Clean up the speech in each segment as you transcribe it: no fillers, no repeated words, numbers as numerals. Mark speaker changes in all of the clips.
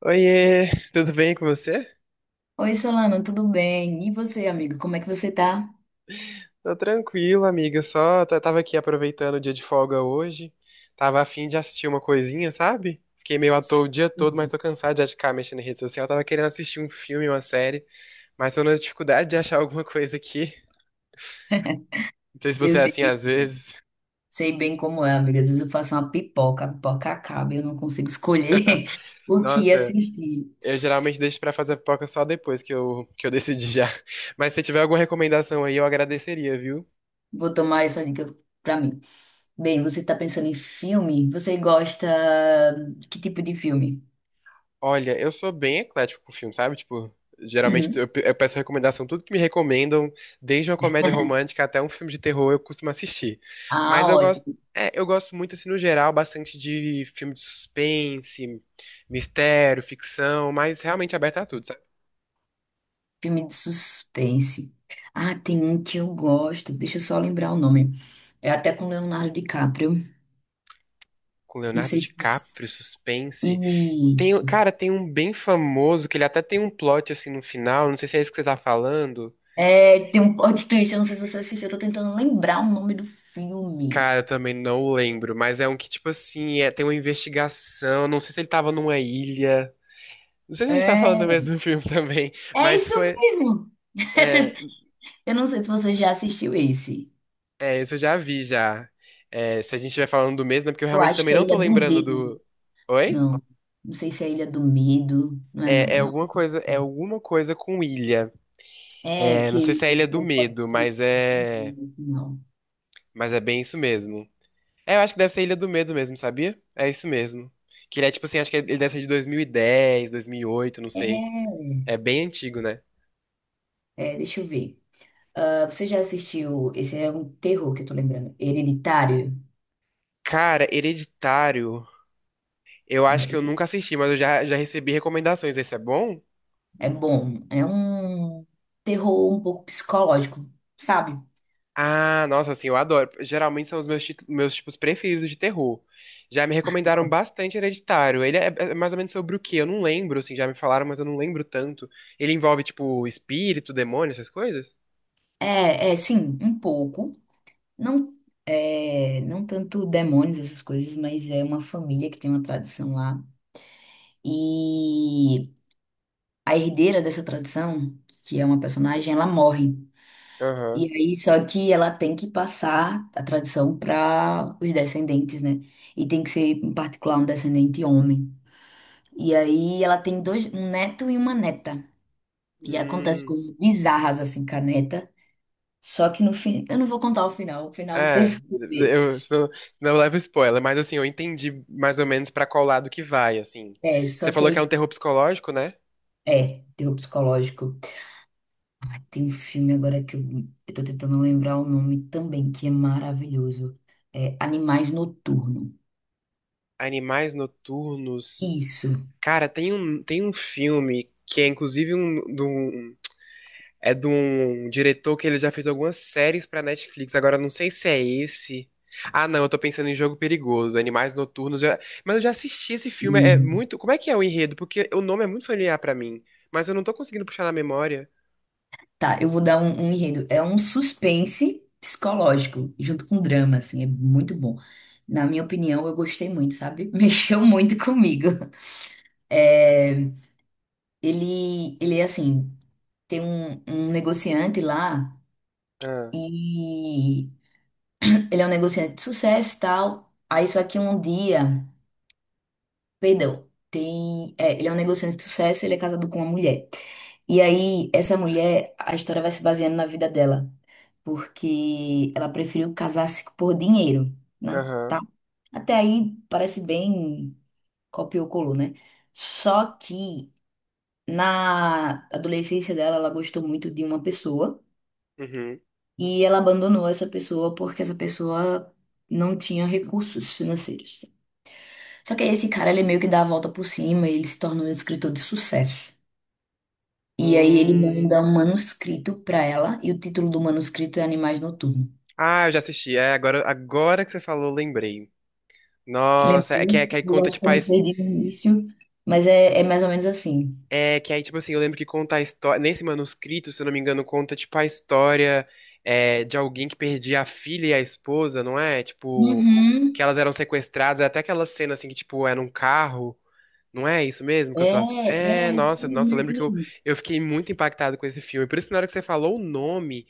Speaker 1: Oiê, tudo bem com você?
Speaker 2: Oi, Solano, tudo bem? E você, amigo, como é que você tá?
Speaker 1: Tô tranquilo, amiga. Só tava aqui aproveitando o dia de folga hoje. Tava a fim de assistir uma coisinha, sabe? Fiquei meio à toa o dia todo, mas
Speaker 2: Sim.
Speaker 1: tô cansado de ficar mexendo em rede social. Tava querendo assistir um filme, uma série, mas tô na dificuldade de achar alguma coisa aqui. Não sei se
Speaker 2: Eu
Speaker 1: você é
Speaker 2: sei
Speaker 1: assim
Speaker 2: bem,
Speaker 1: às vezes.
Speaker 2: sei bem como é, amiga. Às vezes eu faço uma pipoca, a pipoca acaba e eu não consigo escolher o que
Speaker 1: Nossa,
Speaker 2: assistir.
Speaker 1: eu geralmente deixo pra fazer pipoca só depois que eu decidi já. Mas se tiver alguma recomendação aí, eu agradeceria, viu?
Speaker 2: Vou tomar essa dica pra mim. Bem, você tá pensando em filme? Você gosta... Que tipo de filme?
Speaker 1: Olha, eu sou bem eclético com filme, sabe? Tipo, geralmente
Speaker 2: Uhum.
Speaker 1: eu peço recomendação, tudo que me recomendam, desde uma comédia romântica até um filme de terror, eu costumo assistir. Mas
Speaker 2: Ah,
Speaker 1: eu gosto,
Speaker 2: ótimo.
Speaker 1: eu gosto muito, assim, no geral, bastante de filme de suspense, mistério, ficção, mas realmente aberto a tudo, sabe?
Speaker 2: Filme de suspense. Ah, tem um que eu gosto. Deixa eu só lembrar o nome. É até com Leonardo DiCaprio.
Speaker 1: Com
Speaker 2: Não
Speaker 1: Leonardo
Speaker 2: sei se.
Speaker 1: DiCaprio, suspense. Tem,
Speaker 2: Isso.
Speaker 1: cara, tem um bem famoso que ele até tem um plot assim no final, não sei se é isso que você tá falando.
Speaker 2: É, tem um plot twist, eu não sei se você assistiu, eu tô tentando lembrar o nome do filme.
Speaker 1: Cara, eu também não lembro, mas é um que, tipo assim, é, tem uma investigação. Não sei se ele tava numa ilha. Não sei se a gente tá falando do
Speaker 2: É,
Speaker 1: mesmo filme também,
Speaker 2: é
Speaker 1: mas
Speaker 2: isso
Speaker 1: foi.
Speaker 2: mesmo.
Speaker 1: É,
Speaker 2: Esse- Eu não sei se você já assistiu esse.
Speaker 1: isso eu já vi já. É, se a gente estiver falando do mesmo, é porque eu
Speaker 2: Eu
Speaker 1: realmente
Speaker 2: acho
Speaker 1: também
Speaker 2: que é
Speaker 1: não tô
Speaker 2: Ilha do
Speaker 1: lembrando
Speaker 2: Medo.
Speaker 1: do. Oi?
Speaker 2: Não, não sei se é Ilha do Medo. Não é, não,
Speaker 1: É,
Speaker 2: não.
Speaker 1: é alguma coisa com ilha.
Speaker 2: É é
Speaker 1: É,
Speaker 2: que
Speaker 1: não sei se é a
Speaker 2: tem
Speaker 1: Ilha do
Speaker 2: um plot
Speaker 1: Medo,
Speaker 2: twist
Speaker 1: mas é.
Speaker 2: no final.
Speaker 1: Mas é bem isso mesmo. É, eu acho que deve ser a Ilha do Medo mesmo, sabia? É isso mesmo. Que ele é tipo assim, acho que ele deve ser de dois mil e dez, 2008, não sei.
Speaker 2: É,
Speaker 1: É bem antigo, né?
Speaker 2: deixa eu ver. Ah, você já assistiu? Esse é um terror que eu tô lembrando. Hereditário?
Speaker 1: Cara, Hereditário. Eu acho que
Speaker 2: É,
Speaker 1: eu nunca assisti, mas eu já recebi recomendações. Esse é bom?
Speaker 2: é bom. É um terror um pouco psicológico, sabe?
Speaker 1: Ah, nossa, assim, eu adoro. Geralmente são os meus tipos preferidos de terror. Já me recomendaram bastante Hereditário. Ele é mais ou menos sobre o quê? Eu não lembro, assim, já me falaram, mas eu não lembro tanto. Ele envolve, tipo, espírito, demônio, essas coisas?
Speaker 2: É, é, sim, um pouco. Não, é, não tanto demônios, essas coisas, mas é uma família que tem uma tradição lá. E a herdeira dessa tradição, que é uma personagem, ela morre.
Speaker 1: Aham.
Speaker 2: E aí, só que ela tem que passar a tradição para os descendentes, né? E tem que ser, em particular, um descendente homem. E aí, ela tem dois, um neto e uma neta. E acontece
Speaker 1: Hum.
Speaker 2: coisas bizarras assim, caneta. Só que no fim, eu não vou contar o final você
Speaker 1: É,
Speaker 2: vai ver.
Speaker 1: eu, senão eu levo spoiler, mas assim, eu entendi mais ou menos pra qual lado que vai, assim.
Speaker 2: É,
Speaker 1: Você
Speaker 2: só que
Speaker 1: falou que é um
Speaker 2: aí,
Speaker 1: terror psicológico, né?
Speaker 2: é, terror psicológico. Ah, tem um filme agora eu tô tentando lembrar o nome também, que é maravilhoso. É Animais Noturno.
Speaker 1: Animais Noturnos.
Speaker 2: Isso.
Speaker 1: Cara, tem um filme que é inclusive é de um diretor que ele já fez algumas séries pra Netflix. Agora eu não sei se é esse. Ah, não, eu tô pensando em Jogo Perigoso, Animais Noturnos. Mas eu já assisti esse filme, é
Speaker 2: Hum,
Speaker 1: muito. Como é que é o enredo? Porque o nome é muito familiar pra mim, mas eu não tô conseguindo puxar na memória.
Speaker 2: Tá, eu vou dar um enredo. É um suspense psicológico, junto com drama, assim, é muito bom. Na minha opinião, eu gostei muito, sabe? Mexeu muito comigo. É, ele é assim. Tem um negociante lá
Speaker 1: Ah,
Speaker 2: e ele é um negociante de sucesso e tal. Aí só que um dia, perdão, tem, é, ele é um negociante de sucesso, ele é casado com uma mulher. E aí essa mulher, a história vai se baseando na vida dela, porque ela preferiu casar-se por dinheiro, né?
Speaker 1: aham,
Speaker 2: Tá? Até aí parece bem copiou colou, né? Só que na adolescência dela, ela gostou muito de uma pessoa.
Speaker 1: uhum.
Speaker 2: E ela abandonou essa pessoa porque essa pessoa não tinha recursos financeiros. Só que aí esse cara, ele meio que dá a volta por cima, ele se torna um escritor de sucesso. E aí ele
Speaker 1: Hum.
Speaker 2: manda um manuscrito para ela, e o título do manuscrito é Animais Noturnos.
Speaker 1: Ah, eu já assisti. É, agora que você falou, eu lembrei. Nossa, é
Speaker 2: Lembrou.
Speaker 1: que, é que aí
Speaker 2: Eu
Speaker 1: conta
Speaker 2: acho que
Speaker 1: tipo
Speaker 2: eu me perdi no início, mas é, é mais ou menos assim.
Speaker 1: é, que aí, tipo assim, eu lembro que conta a história. Nesse manuscrito, se eu não me engano, conta, tipo, a história de alguém que perdia a filha e a esposa, não é? Tipo, que
Speaker 2: Uhum.
Speaker 1: elas eram sequestradas. É até aquela cena, assim, que, tipo, era um carro. Não é isso mesmo que eu
Speaker 2: É,
Speaker 1: tô. É,
Speaker 2: é,
Speaker 1: nossa, nossa, eu lembro
Speaker 2: infelizmente
Speaker 1: que
Speaker 2: mesmo.
Speaker 1: eu fiquei muito impactado com esse filme. Por isso, na hora que você falou o nome,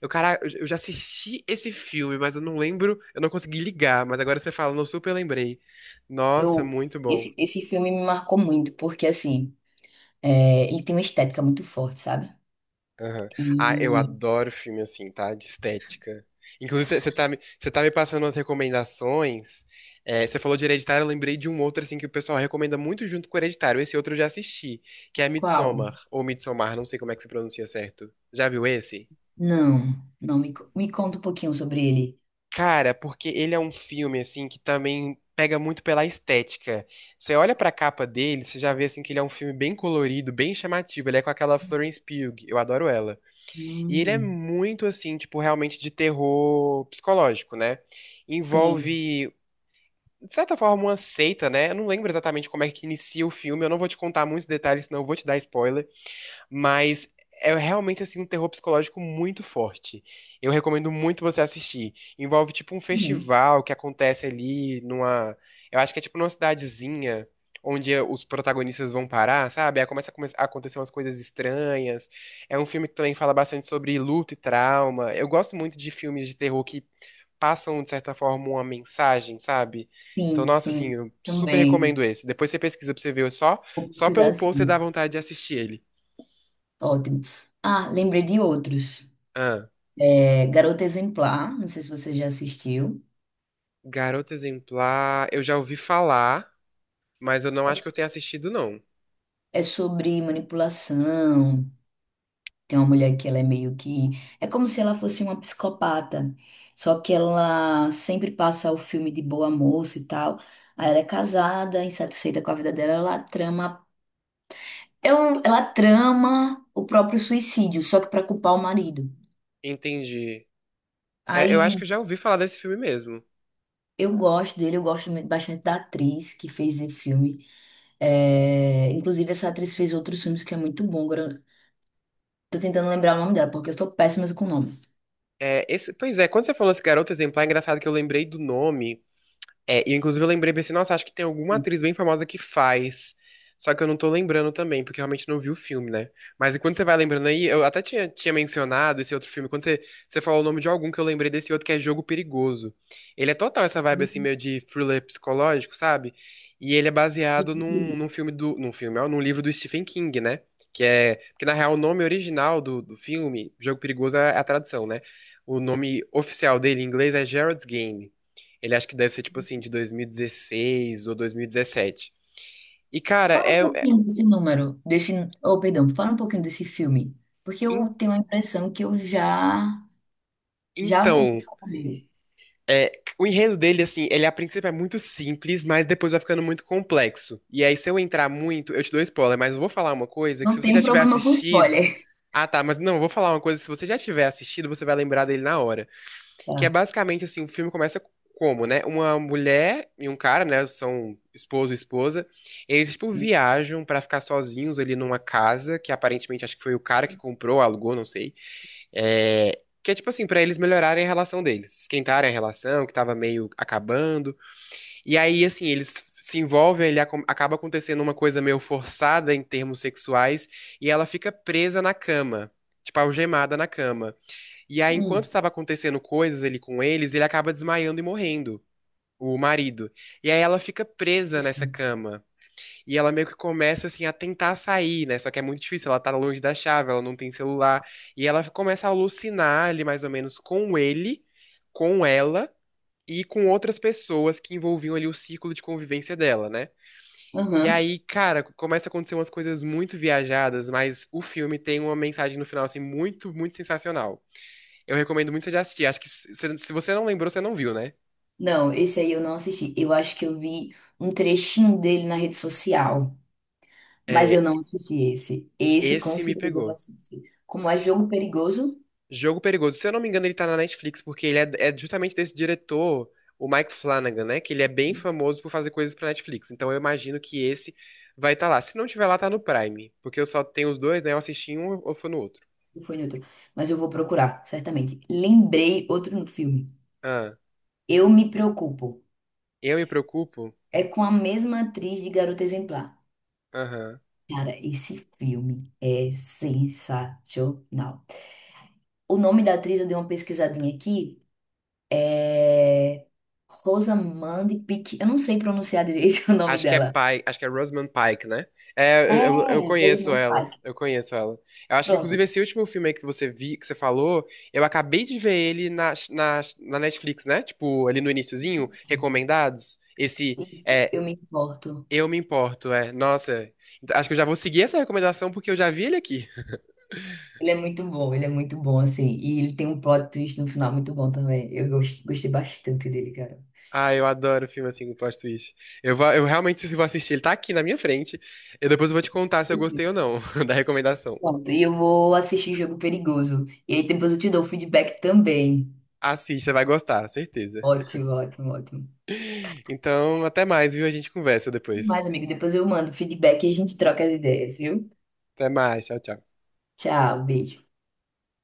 Speaker 1: eu, cara, eu já assisti esse filme, mas eu não lembro, eu não consegui ligar. Mas agora você falando, eu super lembrei. Nossa,
Speaker 2: Eu,
Speaker 1: muito bom.
Speaker 2: esse filme me marcou muito, porque assim, é, ele tem uma estética muito forte, sabe?
Speaker 1: Aham. Ah, eu
Speaker 2: E
Speaker 1: adoro filme assim, tá? De estética. Inclusive, você tá me passando umas recomendações. É, você falou de Hereditário, eu lembrei de um outro assim que o pessoal recomenda muito junto com o Hereditário. Esse outro eu já assisti, que é
Speaker 2: qual?
Speaker 1: Midsommar, ou Midsommar, não sei como é que se pronuncia certo. Já viu esse?
Speaker 2: Não, não, me, me conta um pouquinho sobre ele.
Speaker 1: Cara, porque ele é um filme assim que também pega muito pela estética. Você olha pra capa dele, você já vê assim que ele é um filme bem colorido, bem chamativo. Ele é com aquela Florence Pugh, eu adoro ela. E ele é
Speaker 2: Hum,
Speaker 1: muito assim, tipo, realmente de terror psicológico, né?
Speaker 2: sim,
Speaker 1: Envolve, de certa forma, uma seita, né? Eu não lembro exatamente como é que inicia o filme, eu não vou te contar muitos detalhes, senão eu vou te dar spoiler. Mas é realmente assim um terror psicológico muito forte. Eu recomendo muito você assistir. Envolve tipo um
Speaker 2: uhum,
Speaker 1: festival que acontece ali numa, eu acho que é tipo numa cidadezinha onde os protagonistas vão parar, sabe? Aí começa a acontecer umas coisas estranhas. É um filme que também fala bastante sobre luto e trauma. Eu gosto muito de filmes de terror que passam de certa forma uma mensagem, sabe? Então,
Speaker 2: sim,
Speaker 1: nossa, assim,
Speaker 2: sim,
Speaker 1: eu super
Speaker 2: também.
Speaker 1: recomendo esse. Depois você pesquisa pra você ver só,
Speaker 2: Vou
Speaker 1: só pelo
Speaker 2: pesquisar
Speaker 1: post você dá
Speaker 2: sim.
Speaker 1: vontade de assistir ele.
Speaker 2: Ótimo. Ah, lembrei de outros.
Speaker 1: Ah.
Speaker 2: É, Garota Exemplar, não sei se você já assistiu.
Speaker 1: Garota Exemplar, eu já ouvi falar, mas eu não
Speaker 2: É,
Speaker 1: acho que eu tenha assistido, não.
Speaker 2: é sobre manipulação. Tem uma mulher que ela é meio que. É como se ela fosse uma psicopata. Só que ela sempre passa o filme de boa moça e tal. Aí ela é casada, insatisfeita com a vida dela, ela trama. Ela trama o próprio suicídio, só que pra culpar o marido.
Speaker 1: Entendi. É, eu acho que
Speaker 2: Aí
Speaker 1: eu já ouvi falar desse filme mesmo.
Speaker 2: eu gosto dele, eu gosto bastante da atriz que fez esse filme. É, inclusive, essa atriz fez outros filmes que é muito bom. Agora, eu tô tentando lembrar o nome dela, porque eu sou péssima com o nome.
Speaker 1: É, esse, pois é, quando você falou esse Garota Exemplar, é engraçado que eu lembrei do nome. É, e inclusive eu lembrei, pensei, nossa, acho que tem alguma atriz bem famosa que faz. Só que eu não tô lembrando também, porque eu realmente não vi o filme, né? Mas enquanto você vai lembrando aí, eu até tinha mencionado esse outro filme, você falou o nome de algum que eu lembrei desse outro que é Jogo Perigoso. Ele é total essa vibe assim, meio de thriller psicológico, sabe? E ele é baseado num filme do. Num filme, ó, num livro do Stephen King, né? Que é. Porque na real o nome original do filme, Jogo Perigoso, é a tradução, né? O nome oficial dele em inglês é Gerald's Game. Ele acho que deve ser tipo assim, de 2016 ou 2017. E, 17. E cara,
Speaker 2: Fala um pouquinho desse número, desse, oh, perdão, fala um pouquinho desse filme, porque
Speaker 1: en-
Speaker 2: eu tenho a impressão que eu já já
Speaker 1: então,
Speaker 2: ouvi falar dele.
Speaker 1: é, o enredo dele, assim, ele a princípio é muito simples, mas depois vai ficando muito complexo. E aí, se eu entrar muito, eu te dou spoiler, mas eu vou falar uma coisa que
Speaker 2: Não
Speaker 1: se você já
Speaker 2: tenho
Speaker 1: tiver
Speaker 2: problema com
Speaker 1: assistido.
Speaker 2: spoiler.
Speaker 1: Ah, tá, mas não, eu vou falar uma coisa, se você já tiver assistido, você vai lembrar dele na hora. Que é
Speaker 2: Tá.
Speaker 1: basicamente assim, o filme começa como, né? Uma mulher e um cara, né? São esposo e esposa. Eles, tipo, viajam pra ficar sozinhos ali numa casa, que aparentemente acho que foi o cara que comprou, alugou, não sei. É, que é tipo assim, pra eles melhorarem a relação deles, esquentarem a relação, que tava meio acabando. E aí, assim, eles se envolvem, acaba acontecendo uma coisa meio forçada em termos sexuais, e ela fica presa na cama, tipo, algemada na cama. E aí, enquanto
Speaker 2: Hum,
Speaker 1: estava acontecendo coisas ali com eles, ele acaba desmaiando e morrendo, o marido. E aí ela fica presa nessa
Speaker 2: gostei.
Speaker 1: cama. E ela meio que começa, assim, a tentar sair, né? Só que é muito difícil, ela tá longe da chave, ela não tem celular. E ela começa a alucinar ali, mais ou menos, com ele, com ela e com outras pessoas que envolviam ali o círculo de convivência dela, né? E
Speaker 2: Aham.
Speaker 1: aí, cara, começa a acontecer umas coisas muito viajadas, mas o filme tem uma mensagem no final, assim, muito, muito sensacional. Eu recomendo muito você já assistir. Acho que se você não lembrou, você não viu, né?
Speaker 2: Não, esse aí eu não assisti. Eu acho que eu vi um trechinho dele na rede social, mas eu
Speaker 1: É,
Speaker 2: não assisti esse. Esse com
Speaker 1: esse me
Speaker 2: certeza eu não
Speaker 1: pegou.
Speaker 2: assisti. Como é jogo perigoso,
Speaker 1: Jogo Perigoso. Se eu não me engano, ele tá na Netflix, porque é justamente desse diretor, o Mike Flanagan, né? Que ele é bem famoso por fazer coisas pra Netflix. Então eu imagino que esse vai estar lá. Se não tiver lá, tá no Prime. Porque eu só tenho os dois, né? Eu assisti em um ou foi no outro.
Speaker 2: não foi neutro, mas eu vou procurar, certamente. Lembrei outro no filme.
Speaker 1: Ah,
Speaker 2: Eu me preocupo.
Speaker 1: eu me preocupo?
Speaker 2: É com a mesma atriz de Garota Exemplar.
Speaker 1: Aham.
Speaker 2: Cara, esse filme é sensacional. O nome da atriz eu dei uma pesquisadinha aqui. É Rosamund Pike. Eu não sei pronunciar direito o nome
Speaker 1: Acho que é
Speaker 2: dela.
Speaker 1: Pike, acho que é Rosamund Pike, né? É, eu
Speaker 2: É,
Speaker 1: conheço
Speaker 2: Rosamund
Speaker 1: ela,
Speaker 2: Pike.
Speaker 1: eu conheço ela. Eu acho que,
Speaker 2: Pronto.
Speaker 1: inclusive, esse último filme aí que você vi, que você falou, eu acabei de ver ele na Netflix, né? Tipo, ali no iniciozinho, recomendados. Esse,
Speaker 2: Isso,
Speaker 1: é,
Speaker 2: Eu Me Importo.
Speaker 1: Eu Me Importo, é. Nossa, acho que eu já vou seguir essa recomendação porque eu já vi ele aqui.
Speaker 2: Ele é muito bom, ele é muito bom, assim. E ele tem um plot twist no final muito bom também. Eu gostei bastante dele, cara.
Speaker 1: Ah, eu adoro filme assim com plot twist. Eu realmente vou assistir, ele tá aqui na minha frente. Eu depois vou te contar se eu gostei
Speaker 2: Enfim,
Speaker 1: ou não da recomendação.
Speaker 2: pronto, e eu vou assistir Jogo Perigoso. E aí depois eu te dou o feedback também.
Speaker 1: Assista, vai gostar, certeza.
Speaker 2: Ótimo, ótimo, ótimo.
Speaker 1: Então, até mais, viu? A gente conversa depois.
Speaker 2: Mas, amigo, depois eu mando feedback e a gente troca as ideias, viu?
Speaker 1: Até mais, tchau, tchau.
Speaker 2: Tchau, beijo.